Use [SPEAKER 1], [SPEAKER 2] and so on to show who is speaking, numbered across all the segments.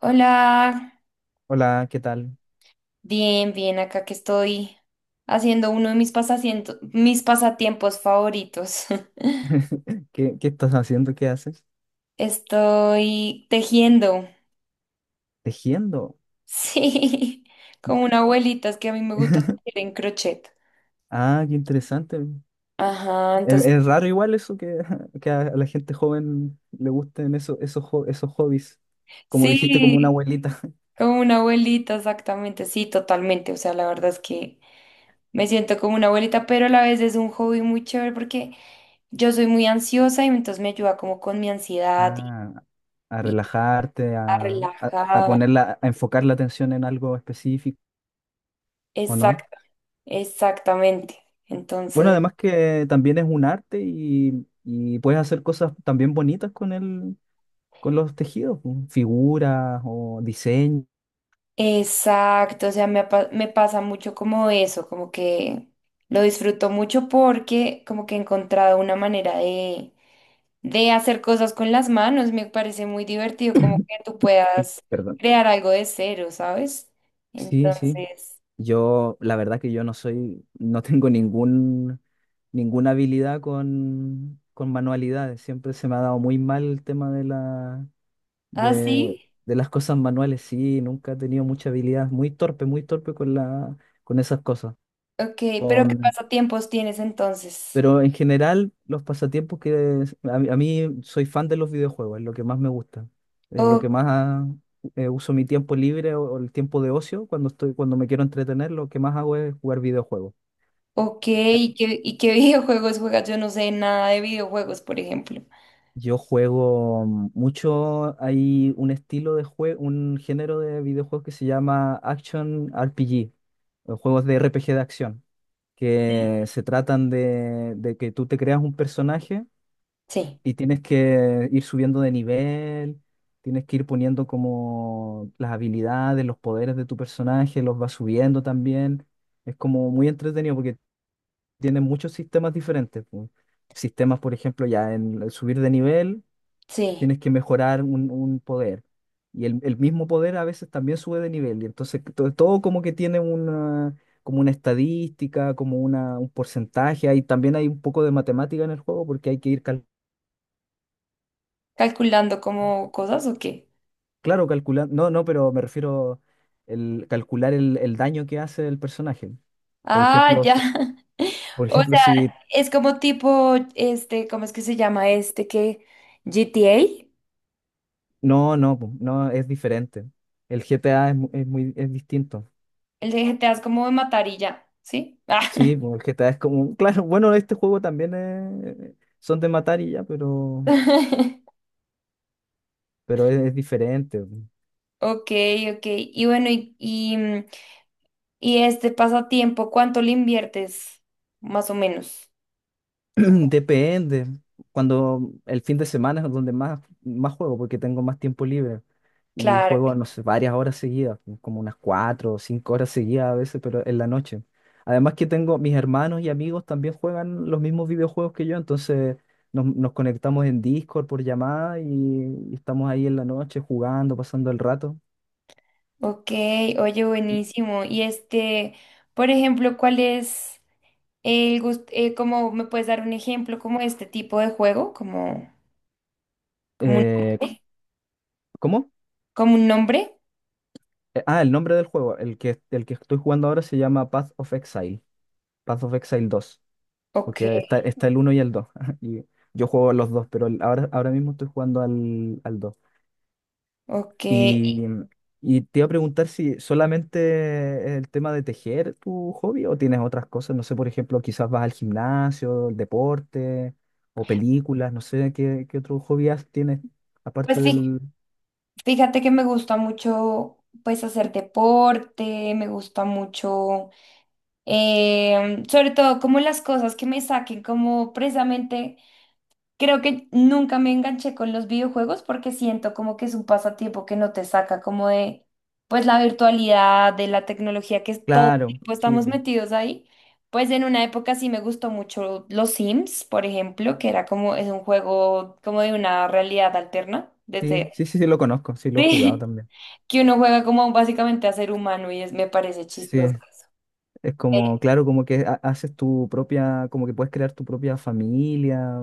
[SPEAKER 1] Hola,
[SPEAKER 2] Hola, ¿qué tal?
[SPEAKER 1] bien, bien, acá que estoy haciendo uno de mis mis pasatiempos favoritos.
[SPEAKER 2] ¿Qué estás haciendo? ¿Qué haces?
[SPEAKER 1] Estoy tejiendo,
[SPEAKER 2] Tejiendo.
[SPEAKER 1] sí, como una abuelita, es que a mí me gusta tejer en crochet.
[SPEAKER 2] Ah, qué interesante.
[SPEAKER 1] Ajá,
[SPEAKER 2] Es,
[SPEAKER 1] entonces,
[SPEAKER 2] es raro igual eso que, que a la gente joven le gusten eso, esos hobbies. Como dijiste, como una
[SPEAKER 1] sí,
[SPEAKER 2] abuelita.
[SPEAKER 1] como una abuelita, exactamente, sí, totalmente. O sea, la verdad es que me siento como una abuelita, pero a la vez es un hobby muy chévere porque yo soy muy ansiosa y entonces me ayuda como con mi ansiedad y,
[SPEAKER 2] Ah, a
[SPEAKER 1] y
[SPEAKER 2] relajarte,
[SPEAKER 1] a
[SPEAKER 2] a
[SPEAKER 1] relajar.
[SPEAKER 2] ponerla, a enfocar la atención en algo específico, ¿o no?
[SPEAKER 1] Exacto. Exactamente.
[SPEAKER 2] Bueno,
[SPEAKER 1] Entonces,
[SPEAKER 2] además que también es un arte y puedes hacer cosas también bonitas con con los tejidos, pues, figuras o diseño.
[SPEAKER 1] exacto, o sea, me pasa mucho como eso, como que lo disfruto mucho porque como que he encontrado una manera de hacer cosas con las manos, me parece muy divertido como que tú
[SPEAKER 2] Uy,
[SPEAKER 1] puedas
[SPEAKER 2] perdón.
[SPEAKER 1] crear algo de cero, ¿sabes?
[SPEAKER 2] Sí, sí.
[SPEAKER 1] Entonces,
[SPEAKER 2] Yo, la verdad que yo no soy, no tengo ninguna habilidad con manualidades. Siempre se me ha dado muy mal el tema de de,
[SPEAKER 1] así,
[SPEAKER 2] de las cosas manuales. Sí, nunca he tenido mucha habilidad. Muy torpe con la, con esas cosas.
[SPEAKER 1] ok, pero ¿qué pasatiempos tienes entonces?
[SPEAKER 2] Pero en general, los pasatiempos que a mí soy fan de los videojuegos, es lo que más me gusta, es lo que
[SPEAKER 1] O-
[SPEAKER 2] más uso mi tiempo libre o el tiempo de ocio cuando estoy, cuando me quiero entretener, lo que más hago es jugar videojuegos.
[SPEAKER 1] ok, y qué videojuegos juegas? Yo no sé nada de videojuegos, por ejemplo.
[SPEAKER 2] Yo juego mucho, hay un estilo de juego, un género de videojuegos que se llama Action RPG, o juegos de RPG de acción, que se tratan de que tú te creas un personaje.
[SPEAKER 1] Sí,
[SPEAKER 2] Y tienes que ir subiendo de nivel, tienes que ir poniendo como las habilidades, los poderes de tu personaje, los vas subiendo también. Es como muy entretenido porque tiene muchos sistemas diferentes, pues. Sistemas, por ejemplo, ya en el subir de nivel,
[SPEAKER 1] sí.
[SPEAKER 2] tienes que mejorar un poder. Y el mismo poder a veces también sube de nivel. Y entonces todo, como que tiene una, como una estadística, como una, un porcentaje. Hay, también hay un poco de matemática en el juego porque hay que ir calculando.
[SPEAKER 1] ¿Calculando como cosas o qué?
[SPEAKER 2] Claro, calcular, no, no, pero me refiero el calcular el daño que hace el personaje. Por
[SPEAKER 1] Ah,
[SPEAKER 2] ejemplo,
[SPEAKER 1] ya.
[SPEAKER 2] por
[SPEAKER 1] O
[SPEAKER 2] ejemplo,
[SPEAKER 1] sea,
[SPEAKER 2] si
[SPEAKER 1] es como tipo, ¿cómo es que se llama este que GTA?
[SPEAKER 2] no, no, po, no es diferente. El GTA es, mu- es muy es distinto.
[SPEAKER 1] El de GTA es como de matar y ya, ¿sí? Ah.
[SPEAKER 2] Sí, po, el GTA es como, claro, bueno, este juego también son de matar y ya, pero es diferente.
[SPEAKER 1] Ok, ok. Y bueno, y este pasatiempo, ¿cuánto le inviertes? Más o menos.
[SPEAKER 2] Depende. Cuando el fin de semana es donde más, más juego, porque tengo más tiempo libre. Y
[SPEAKER 1] Claro.
[SPEAKER 2] juego, no sé, varias horas seguidas, como unas cuatro o cinco horas seguidas a veces, pero en la noche. Además que tengo mis hermanos y amigos también juegan los mismos videojuegos que yo, entonces nos, nos conectamos en Discord por llamada y estamos ahí en la noche jugando, pasando el rato.
[SPEAKER 1] Ok, oye, buenísimo. Y este, por ejemplo, ¿cuál es? Como me puedes dar un ejemplo como este tipo de juego, como, como un
[SPEAKER 2] Eh, c-
[SPEAKER 1] nombre,
[SPEAKER 2] ¿Cómo?
[SPEAKER 1] como un nombre.
[SPEAKER 2] El nombre del juego, el que estoy jugando ahora se llama Path of Exile dos.
[SPEAKER 1] Ok,
[SPEAKER 2] Porque está, está el uno y el dos. Y yo juego a los dos, pero ahora, ahora mismo estoy jugando al, al dos.
[SPEAKER 1] ok.
[SPEAKER 2] Y, y te iba a preguntar si solamente el tema de tejer tu hobby o tienes otras cosas. No sé, por ejemplo, quizás vas al gimnasio, el deporte o películas. No sé qué otro tienes aparte
[SPEAKER 1] Pues fí-
[SPEAKER 2] del...
[SPEAKER 1] fíjate que me gusta mucho pues hacer deporte, me gusta mucho, sobre todo como las cosas que me saquen como precisamente. Creo que nunca me enganché con los videojuegos porque siento como que es un pasatiempo que no te saca como de pues la virtualidad, de la tecnología todo el
[SPEAKER 2] Claro,
[SPEAKER 1] tiempo
[SPEAKER 2] sí,
[SPEAKER 1] estamos metidos ahí. Pues en una época sí me gustó mucho los Sims, por ejemplo, que era como es un juego como de una realidad alterna,
[SPEAKER 2] sí,
[SPEAKER 1] desde
[SPEAKER 2] sí, sí, sí, lo conozco, sí, lo he jugado
[SPEAKER 1] sí,
[SPEAKER 2] también.
[SPEAKER 1] que uno juega como básicamente a ser humano y es me parece
[SPEAKER 2] Sí,
[SPEAKER 1] chistoso. Eso.
[SPEAKER 2] es
[SPEAKER 1] Eh,
[SPEAKER 2] como, claro, como que haces tu propia, como que puedes crear tu propia familia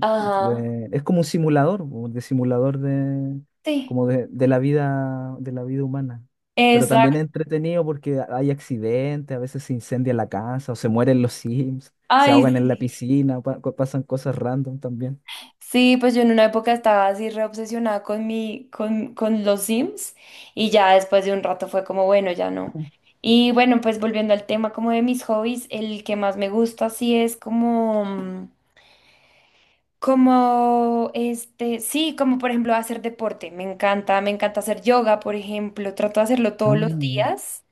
[SPEAKER 1] ajá,
[SPEAKER 2] es como un simulador, po, de simulador de,
[SPEAKER 1] sí,
[SPEAKER 2] como de la vida humana. Pero también
[SPEAKER 1] exacto.
[SPEAKER 2] es entretenido porque hay accidentes, a veces se incendia la casa o se mueren los Sims, se
[SPEAKER 1] Ay,
[SPEAKER 2] ahogan en la
[SPEAKER 1] sí.
[SPEAKER 2] piscina, pasan cosas random también.
[SPEAKER 1] Sí, pues yo en una época estaba así re obsesionada con mi, con los Sims y ya después de un rato fue como, bueno, ya no. Y bueno, pues volviendo al tema como de mis hobbies, el que más me gusta sí es como, como este, sí, como por ejemplo hacer deporte. Me encanta hacer yoga, por ejemplo. Trato de hacerlo todos los
[SPEAKER 2] Ah.
[SPEAKER 1] días,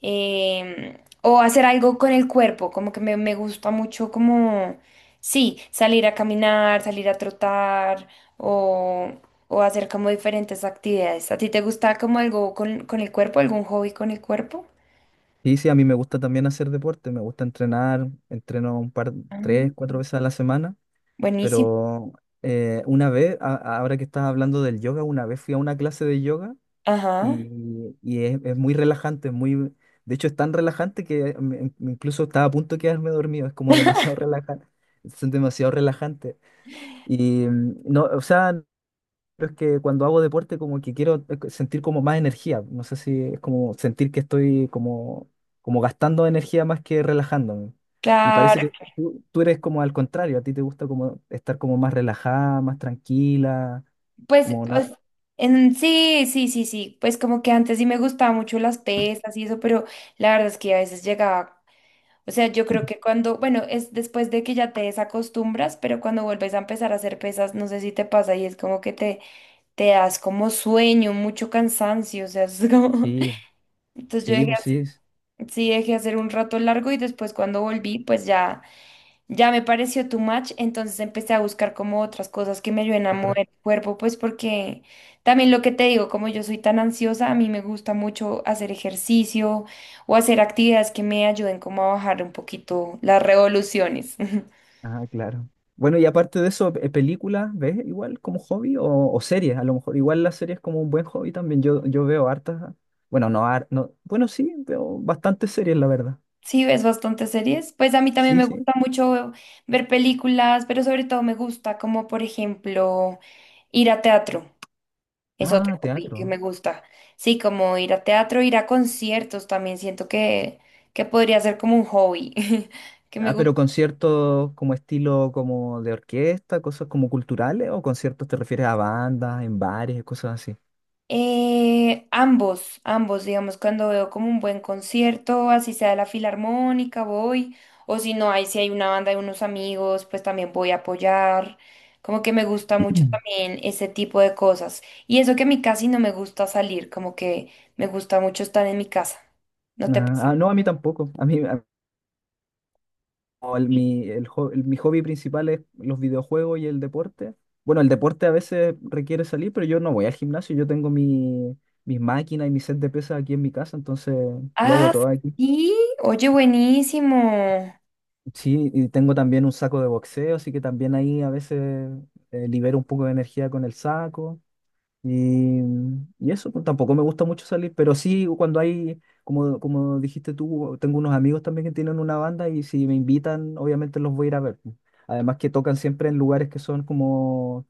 [SPEAKER 1] em, o hacer algo con el cuerpo, como que me gusta mucho como, sí, salir a caminar, salir a trotar o, o hacer como diferentes actividades. ¿A ti te gusta como algo con el cuerpo, algún hobby con el cuerpo?
[SPEAKER 2] Sí, sí, a mí me gusta también hacer deporte, me gusta entrenar, entreno un par,
[SPEAKER 1] Ah,
[SPEAKER 2] tres, cuatro veces a la semana,
[SPEAKER 1] buenísimo.
[SPEAKER 2] pero una vez, ahora que estás hablando del yoga, una vez fui a una clase de yoga
[SPEAKER 1] Ajá.
[SPEAKER 2] y es muy relajante, es muy, de hecho es tan relajante que me incluso estaba a punto de quedarme dormido, es como demasiado relajante, son demasiado relajantes. Y no, o sea, no, pero es que cuando hago deporte como que quiero sentir como más energía, no sé si es como sentir que estoy como, como gastando energía más que relajándome. Y parece
[SPEAKER 1] Claro,
[SPEAKER 2] que tú eres como al contrario, a ti te gusta como estar como más relajada, más tranquila,
[SPEAKER 1] pues
[SPEAKER 2] como
[SPEAKER 1] o
[SPEAKER 2] no.
[SPEAKER 1] s- en, sí, sí, sí, sí, pues como que antes sí me gustaba mucho las pesas y eso, pero la verdad es que a veces llegaba. O sea, yo creo que cuando, bueno, es después de que ya te desacostumbras, pero cuando vuelves a empezar a hacer pesas, no sé si te pasa y es como que te das como sueño, mucho cansancio, o sea, es como...
[SPEAKER 2] Sí,
[SPEAKER 1] Entonces yo
[SPEAKER 2] sí,
[SPEAKER 1] dejé,
[SPEAKER 2] pues
[SPEAKER 1] hace-
[SPEAKER 2] sí.
[SPEAKER 1] sí dejé hacer un rato largo y después cuando volví, pues... Ya Ya me pareció too much, entonces empecé a buscar como otras cosas que me ayuden a mover el cuerpo, pues porque también lo que te digo, como yo soy tan ansiosa, a mí me gusta mucho hacer ejercicio o hacer actividades que me ayuden como a bajar un poquito las revoluciones.
[SPEAKER 2] Ah, claro. Bueno, y aparte de eso, ¿películas ves igual como hobby o series? A lo mejor igual las series como un buen hobby también. Yo veo hartas, bueno, no, bueno, sí, veo bastantes series, la verdad.
[SPEAKER 1] Sí, ves bastantes series. Pues a mí también
[SPEAKER 2] Sí,
[SPEAKER 1] me
[SPEAKER 2] sí.
[SPEAKER 1] gusta mucho ver películas, pero sobre todo me gusta como, por ejemplo, ir a teatro. Es otro
[SPEAKER 2] Ah,
[SPEAKER 1] hobby que me
[SPEAKER 2] teatro.
[SPEAKER 1] gusta. Sí, como ir a teatro, ir a conciertos también siento que podría ser como un hobby que me
[SPEAKER 2] Ah,
[SPEAKER 1] gusta.
[SPEAKER 2] pero conciertos como estilo como de orquesta, cosas como culturales o conciertos te refieres a bandas, en bares, cosas así.
[SPEAKER 1] Ambos, ambos, digamos, cuando veo como un buen concierto, así sea de la filarmónica, voy, o si no hay, si hay una banda de unos amigos, pues también voy a apoyar. Como que me gusta mucho también ese tipo de cosas. Y eso que a mí casi no me gusta salir, como que me gusta mucho estar en mi casa. ¿No te
[SPEAKER 2] Ah,
[SPEAKER 1] pasa?
[SPEAKER 2] ah, no, a mí tampoco. A mí, como el- mi, el ho- el- mi hobby principal es los videojuegos y el deporte. Bueno, el deporte a veces requiere salir, pero yo no voy al gimnasio, yo tengo mi, mis máquinas y mi set de pesas aquí en mi casa, entonces lo hago
[SPEAKER 1] Ah,
[SPEAKER 2] todo aquí.
[SPEAKER 1] sí, oye, buenísimo.
[SPEAKER 2] Sí, y tengo también un saco de boxeo, así que también ahí a veces libero un poco de energía con el saco. Y, y eso, pues, tampoco me gusta mucho salir, pero sí cuando hay, como, como dijiste tú, tengo unos amigos también que tienen una banda y si me invitan, obviamente los voy a ir a ver, pues. Además que tocan siempre en lugares que son como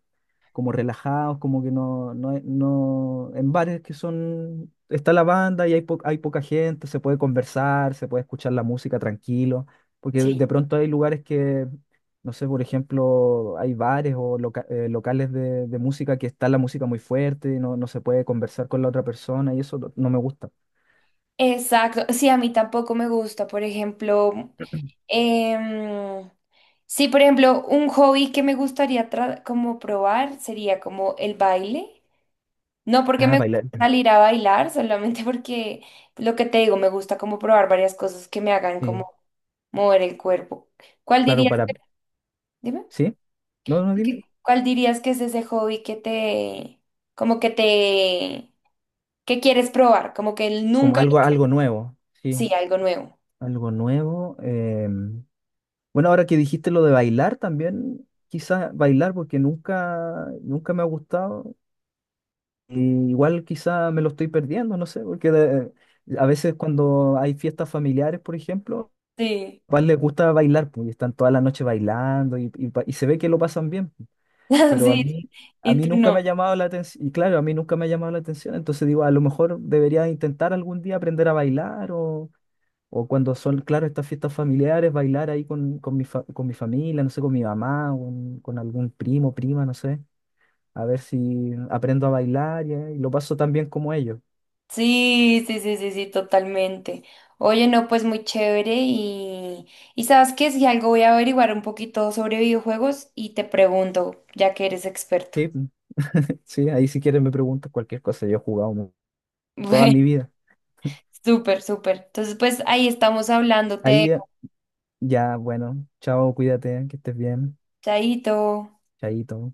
[SPEAKER 2] como relajados, como que no, en bares que son, está la banda y hay, hay poca gente, se puede conversar, se puede escuchar la música tranquilo, porque
[SPEAKER 1] Sí.
[SPEAKER 2] de pronto hay lugares que, no sé, por ejemplo, hay bares o locales de música que está la música muy fuerte y no, no se puede conversar con la otra persona y eso no, no me gusta.
[SPEAKER 1] Exacto, sí, a mí tampoco me gusta, por ejemplo, em, sí, por ejemplo, un hobby que me gustaría como probar sería como el baile. No porque
[SPEAKER 2] Ah,
[SPEAKER 1] me gusta
[SPEAKER 2] bailar.
[SPEAKER 1] salir a bailar, solamente porque lo que te digo, me gusta como probar varias cosas que me hagan como
[SPEAKER 2] Sí,
[SPEAKER 1] mover el cuerpo. ¿Cuál
[SPEAKER 2] claro,
[SPEAKER 1] dirías
[SPEAKER 2] para,
[SPEAKER 1] que, dime,
[SPEAKER 2] ¿sí? No, no, dime.
[SPEAKER 1] ¿qué- cuál dirías que es ese hobby que te, como que te ¿qué quieres probar? Como que él
[SPEAKER 2] Como
[SPEAKER 1] nunca lo
[SPEAKER 2] algo,
[SPEAKER 1] hace.
[SPEAKER 2] algo nuevo, sí,
[SPEAKER 1] Sí, algo nuevo.
[SPEAKER 2] algo nuevo. Bueno, ahora que dijiste lo de bailar también, quizás bailar porque nunca, nunca me ha gustado. Y igual quizás me lo estoy perdiendo, no sé, a veces cuando hay fiestas familiares, por ejemplo,
[SPEAKER 1] Sí,
[SPEAKER 2] a papás les gusta bailar, pues, y están toda la noche bailando y, y se ve que lo pasan bien, pero
[SPEAKER 1] sí.
[SPEAKER 2] a
[SPEAKER 1] Y
[SPEAKER 2] mí
[SPEAKER 1] tú
[SPEAKER 2] nunca me ha
[SPEAKER 1] no.
[SPEAKER 2] llamado la atención, y claro, a mí nunca me ha llamado la atención, entonces digo, a lo mejor debería intentar algún día aprender a bailar o cuando son, claro, estas fiestas familiares, bailar ahí con mi con mi familia, no sé, con mi mamá, con algún primo, prima, no sé, a ver si aprendo a bailar y lo paso tan bien como ellos.
[SPEAKER 1] Sí, sí, sí, sí, sí, totalmente. Oye, no, pues muy chévere y sabes qué, si algo voy a averiguar un poquito sobre videojuegos y te pregunto, ya que eres experto.
[SPEAKER 2] Sí, sí, ahí si quieres me preguntas cualquier cosa, yo he jugado toda
[SPEAKER 1] Bueno,
[SPEAKER 2] mi vida.
[SPEAKER 1] súper, súper. Entonces, pues ahí estamos hablando, te
[SPEAKER 2] Ahí ya,
[SPEAKER 1] dejo.
[SPEAKER 2] ya, bueno, chao, cuídate, que estés bien,
[SPEAKER 1] Chaito.
[SPEAKER 2] chaito.